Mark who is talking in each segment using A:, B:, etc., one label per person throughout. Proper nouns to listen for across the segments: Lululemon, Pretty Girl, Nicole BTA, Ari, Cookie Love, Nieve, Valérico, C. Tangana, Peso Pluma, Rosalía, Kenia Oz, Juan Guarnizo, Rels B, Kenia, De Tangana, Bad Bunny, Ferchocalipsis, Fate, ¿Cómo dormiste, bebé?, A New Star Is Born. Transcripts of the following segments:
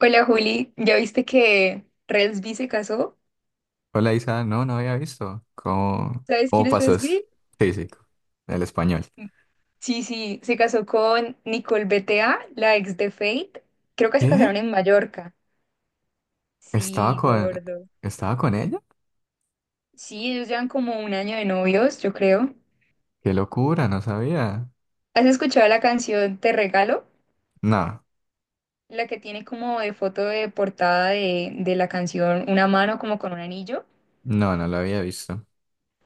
A: Hola Juli, ¿ya viste que Resby se casó?
B: Hola Isa, no, no había visto. ¿Cómo,
A: ¿Sabes quién
B: cómo
A: es
B: pasó? Es
A: Resby?
B: físico, ¿el español?
A: Sí, sí, se casó con Nicole BTA, la ex de Fate. Creo que se
B: ¿Qué?
A: casaron en Mallorca.
B: ¿Estaba
A: Sí,
B: con,
A: gordo.
B: Estaba con ella?
A: Sí, ellos llevan como un año de novios, yo creo.
B: Qué locura, no sabía.
A: ¿Has escuchado la canción Te Regalo?
B: No,
A: La que tiene como de foto de portada de la canción una mano como con un anillo.
B: no, no lo había visto.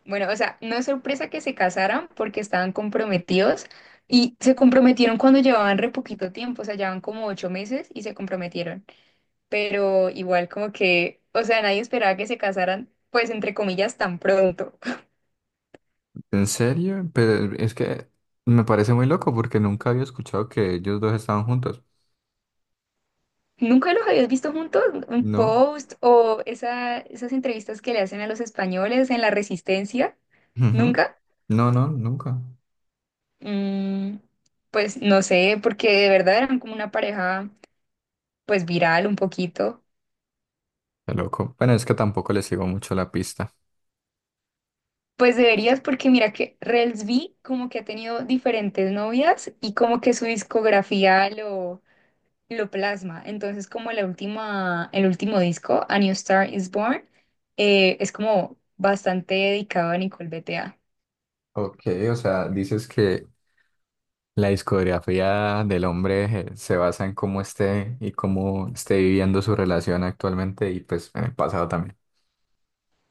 A: Bueno, o sea, no es sorpresa que se casaran porque estaban comprometidos y se comprometieron cuando llevaban re poquito tiempo, o sea, llevaban como 8 meses y se comprometieron. Pero igual como que, o sea, nadie esperaba que se casaran, pues entre comillas, tan pronto.
B: ¿En serio? Pero es que me parece muy loco porque nunca había escuchado que ellos dos estaban juntos.
A: ¿Nunca los habías visto juntos? ¿Un
B: No,
A: post o esas entrevistas que le hacen a los españoles en La Resistencia?
B: ujú.
A: ¿Nunca?
B: No, no, nunca.
A: Mm, pues no sé, porque de verdad eran como una pareja, pues viral un poquito.
B: Qué loco. Bueno, es que tampoco le sigo mucho la pista.
A: Pues deberías porque mira que Rels B como que ha tenido diferentes novias y como que su discografía lo plasma. Entonces como el último disco, A New Star Is Born, es como bastante dedicado a Nicole BTA.
B: Ok, o sea, dices que la discografía del hombre se basa en cómo esté y cómo esté viviendo su relación actualmente y pues en el pasado también.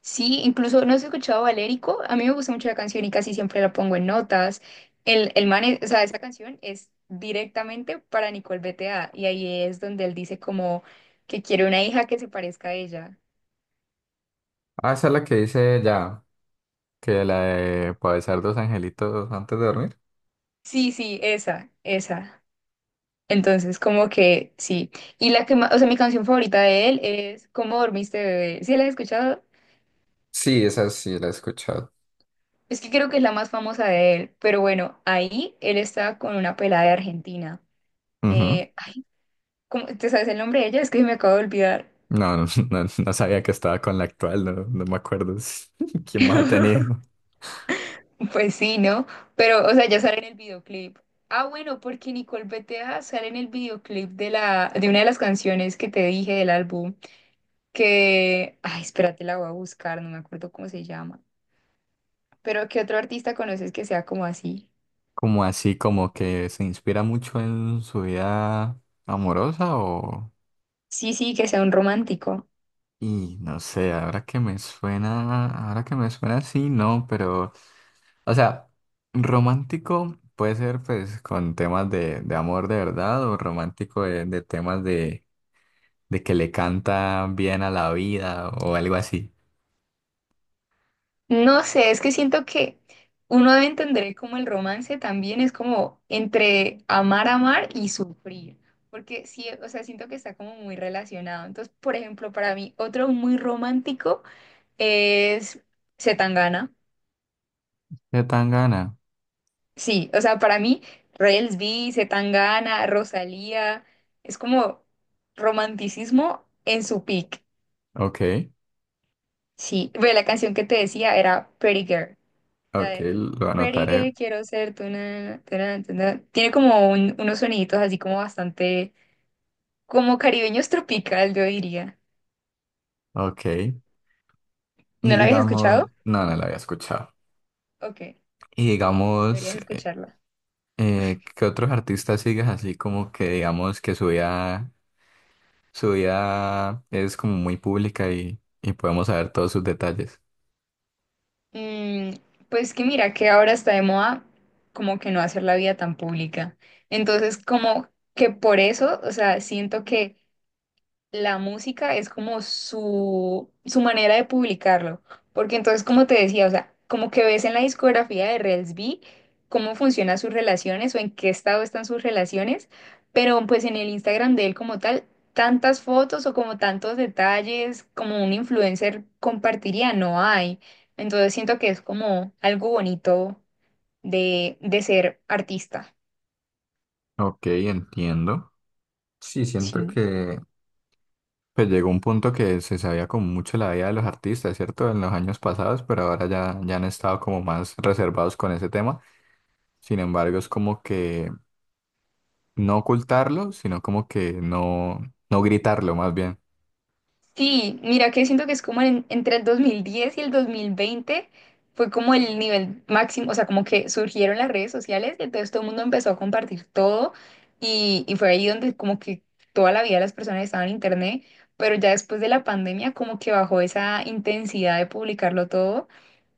A: Sí, incluso no has escuchado Valérico, a mí me gusta mucho la canción y casi siempre la pongo en notas. El man, o sea, esa canción es directamente para Nicole BTA y ahí es donde él dice como que quiere una hija que se parezca a ella.
B: Ah, esa es la que dice ya, que la de pa' besar dos angelitos antes de dormir.
A: Sí, sí, esa, esa. Entonces, como que sí. Y la que más, o sea, mi canción favorita de él es ¿Cómo dormiste, bebé? ¿Sí la has escuchado?
B: Sí, esa sí la he escuchado.
A: Es que creo que es la más famosa de él. Pero bueno, ahí él está con una pelada de Argentina.
B: Ujú.
A: Ay, ¿te sabes el nombre de ella? Es que me acabo de olvidar.
B: No, no, no, no sabía que estaba con la actual, no, no me acuerdo quién más ha tenido.
A: Pues sí, ¿no? Pero, o sea, ya sale en el videoclip. Ah, bueno, porque Nicole Beteja sale en el videoclip de una de las canciones que te dije del álbum. Que, ay, espérate, la voy a buscar, no me acuerdo cómo se llama. Pero ¿qué otro artista conoces que sea como así?
B: ¿Como así, como que se inspira mucho en su vida amorosa o...?
A: Sí, sí, que sea un romántico.
B: Y no sé, ahora que me suena sí, no, pero, o sea, romántico puede ser pues con temas de amor de verdad o romántico de temas de que le canta bien a la vida o algo así.
A: No sé, es que siento que uno debe entender como el romance también es como entre amar, amar y sufrir. Porque sí, o sea, siento que está como muy relacionado. Entonces, por ejemplo, para mí, otro muy romántico es C. Tangana.
B: De Tangana.
A: Sí, o sea, para mí, Reels B, Zetangana, Rosalía, es como romanticismo en su peak.
B: Ok,
A: Sí, ve, la canción que te decía era Pretty Girl, la
B: ok,
A: de
B: lo
A: Pretty
B: anotaré.
A: Girl, quiero ser tu na, tu na, tu na. Tiene como unos soniditos así como bastante, como caribeños tropical, yo diría.
B: Ok.
A: ¿No
B: Y
A: la habías
B: digamos,
A: escuchado?
B: no, no lo había escuchado.
A: Ok,
B: Y digamos,
A: deberías escucharla.
B: ¿qué otros artistas sigues así como que digamos que subía su vida es como muy pública y podemos saber todos sus detalles?
A: Mm, pues que mira, que ahora está de moda como que no hacer la vida tan pública. Entonces, como que por eso, o sea, siento que la música es como su manera de publicarlo. Porque entonces, como te decía, o sea, como que ves en la discografía de Rels B cómo funcionan sus relaciones o en qué estado están sus relaciones, pero pues en el Instagram de él como tal, tantas fotos o como tantos detalles como un influencer compartiría, no hay. Entonces siento que es como algo bonito de ser artista.
B: Ok, entiendo. Sí, siento
A: Sí.
B: que pues llegó un punto que se sabía como mucho la vida de los artistas, ¿cierto? En los años pasados, pero ahora ya, ya han estado como más reservados con ese tema. Sin embargo, es como que no ocultarlo, sino como que no, no gritarlo más bien.
A: Sí, mira que siento que es como entre el 2010 y el 2020 fue como el nivel máximo, o sea, como que surgieron las redes sociales y entonces todo el mundo empezó a compartir todo y fue ahí donde como que toda la vida las personas estaban en internet, pero ya después de la pandemia como que bajó esa intensidad de publicarlo todo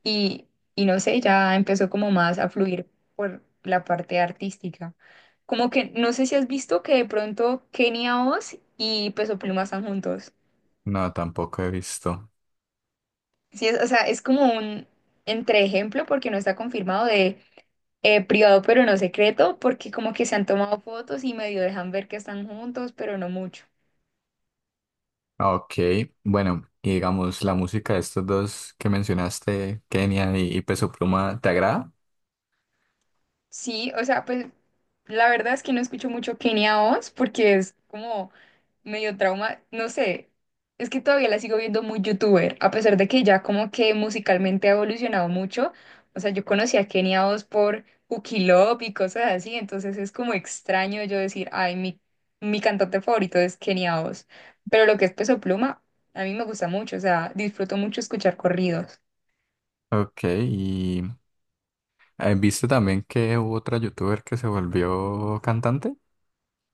A: y, y no sé, ya empezó como más a fluir por la parte artística. Como que no sé si has visto que de pronto Kenia Oz y Peso Pluma están juntos.
B: No, tampoco he visto.
A: Sí, o sea, es como un entreejemplo porque no está confirmado de privado pero no secreto, porque como que se han tomado fotos y medio dejan ver que están juntos, pero no mucho.
B: Ok, bueno, y digamos, la música de estos dos que mencionaste, Kenia y Peso Pluma, ¿te agrada?
A: Sí, o sea, pues la verdad es que no escucho mucho Kenia Oz porque es como medio trauma, no sé, es que todavía la sigo viendo muy youtuber, a pesar de que ya como que musicalmente ha evolucionado mucho, o sea, yo conocí a Kenia Oz por Cookie Love y cosas así, entonces es como extraño yo decir, ay, mi cantante favorito es Kenia Oz, pero lo que es Peso Pluma, a mí me gusta mucho, o sea, disfruto mucho escuchar corridos.
B: Ok, y ¿viste también que hubo otra youtuber que se volvió cantante?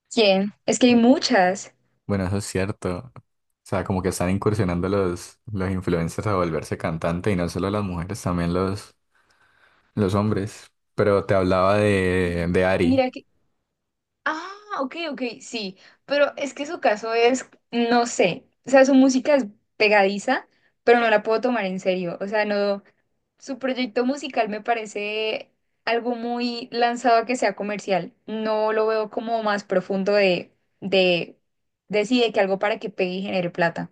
A: ¿Quién? Es que hay
B: Eh,
A: muchas.
B: Bueno, eso es cierto. O sea, como que están incursionando los influencers a volverse cantante y no solo las mujeres, también los hombres. Pero te hablaba
A: Ujú.
B: de Ari.
A: Mira. Ah, ok, ok, sí, pero es que su caso es, no sé, o sea, su música es pegadiza, pero no la puedo tomar en serio, o sea, no, su proyecto musical me parece algo muy lanzado a que sea comercial, no lo veo como más profundo de, de sí, de que algo para que pegue y genere plata.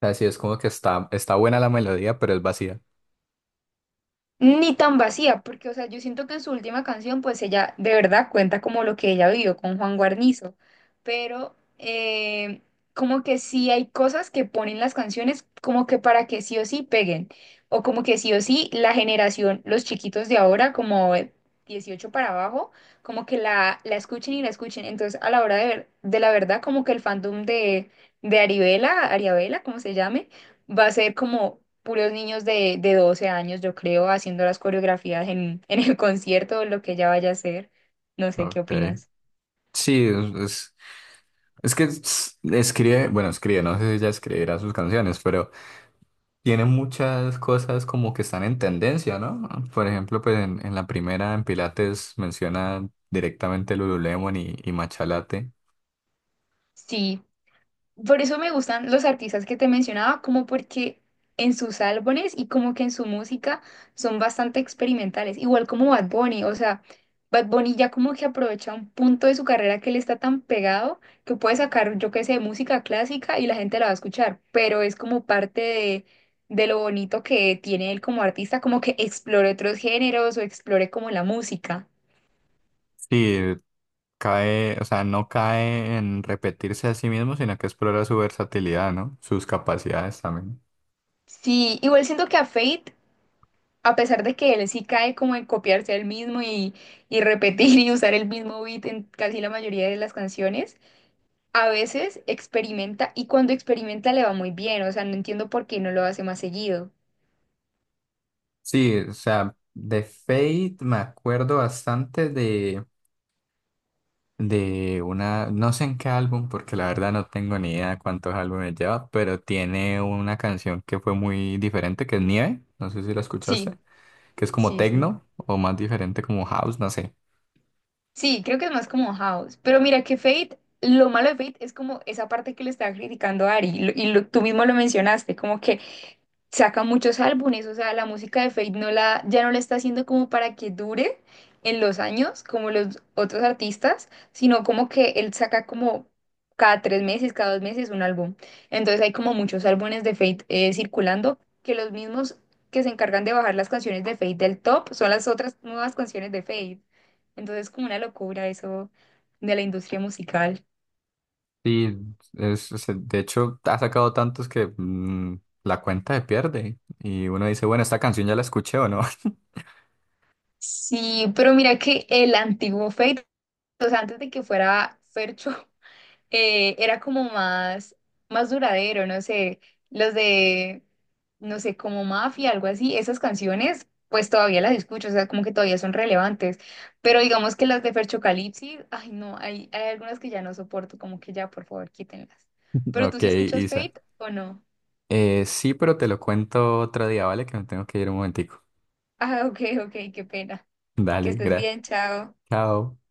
B: O sea, sí, es como que está, está buena la melodía, pero es vacía.
A: Ni tan vacía, porque, o sea, yo siento que en su última canción, pues ella de verdad cuenta como lo que ella vivió con Juan Guarnizo, pero como que sí hay cosas que ponen las canciones como que para que sí o sí peguen, o como que sí o sí la generación, los chiquitos de ahora, como 18 para abajo, como que la escuchen y la escuchen. Entonces, a la hora de ver, de la verdad, como que el fandom de Aribela, Ariabela, como se llame, va a ser como puros niños de 12 años, yo creo, haciendo las coreografías en el concierto o lo que ella vaya a hacer. No sé qué
B: Ok.
A: opinas.
B: Sí, es, es Escribe, bueno, escribe, no sé si ella escribirá sus canciones, pero tiene muchas cosas como que están en tendencia, ¿no? Por ejemplo, pues en la primera, en Pilates, menciona directamente el Lululemon y matcha latte.
A: Sí, por eso me gustan los artistas que te mencionaba, como porque en sus álbumes y como que en su música son bastante experimentales, igual como Bad Bunny, o sea, Bad Bunny ya como que aprovecha un punto de su carrera que le está tan pegado que puede sacar, yo qué sé, música clásica y la gente la va a escuchar, pero es como parte de lo bonito que tiene él como artista, como que explore otros géneros o explore como la música.
B: Sí, cae, o sea, no cae en repetirse a sí mismo, sino que explora su versatilidad, ¿no? Sus capacidades también.
A: Sí, igual siento que a pesar de que él sí cae como en copiarse el mismo y repetir y usar el mismo beat en casi la mayoría de las canciones, a veces experimenta y cuando experimenta le va muy bien, o sea, no entiendo por qué no lo hace más seguido.
B: Sí, o sea, de Fate me acuerdo bastante de una, no sé en qué álbum, porque la verdad no tengo ni idea cuántos álbumes lleva, pero tiene una canción que fue muy diferente, que es Nieve, no sé si la
A: Sí,
B: escuchaste, que es como
A: sí, sí.
B: techno o más diferente como house, no sé.
A: Sí, creo que es más como house. Pero mira que Fate, lo malo de Fate es como esa parte que le estaba criticando a Ari y tú mismo lo mencionaste, como que saca muchos álbumes, o sea, la música de Fate ya no la está haciendo como para que dure en los años, como los otros artistas, sino como que él saca como cada 3 meses, cada 2 meses un álbum. Entonces hay como muchos álbumes de Fate circulando, que los mismos que se encargan de bajar las canciones de Fate del top son las otras nuevas canciones de Fate. Entonces como una locura eso de la industria musical.
B: Y de hecho ha sacado tantos que la cuenta se pierde y uno dice, bueno, esta canción ya la escuché o no.
A: Sí, pero mira que el antiguo Fate, o sea, antes de que fuera Fercho, era como más duradero, no sé, los de, no sé, como Mafia, algo así, esas canciones, pues todavía las escucho, o sea, como que todavía son relevantes, pero digamos que las de Ferchocalipsis, ay no, hay algunas que ya no soporto, como que ya, por favor, quítenlas. ¿Pero tú
B: Ok,
A: sí escuchas
B: Isa.
A: Fate o no?
B: Sí, pero te lo cuento otro día, ¿vale? Que me tengo que ir un momentico.
A: Ah, ok, ok, qué pena. Que
B: Dale,
A: estés
B: gracias.
A: bien, chao.
B: Chao.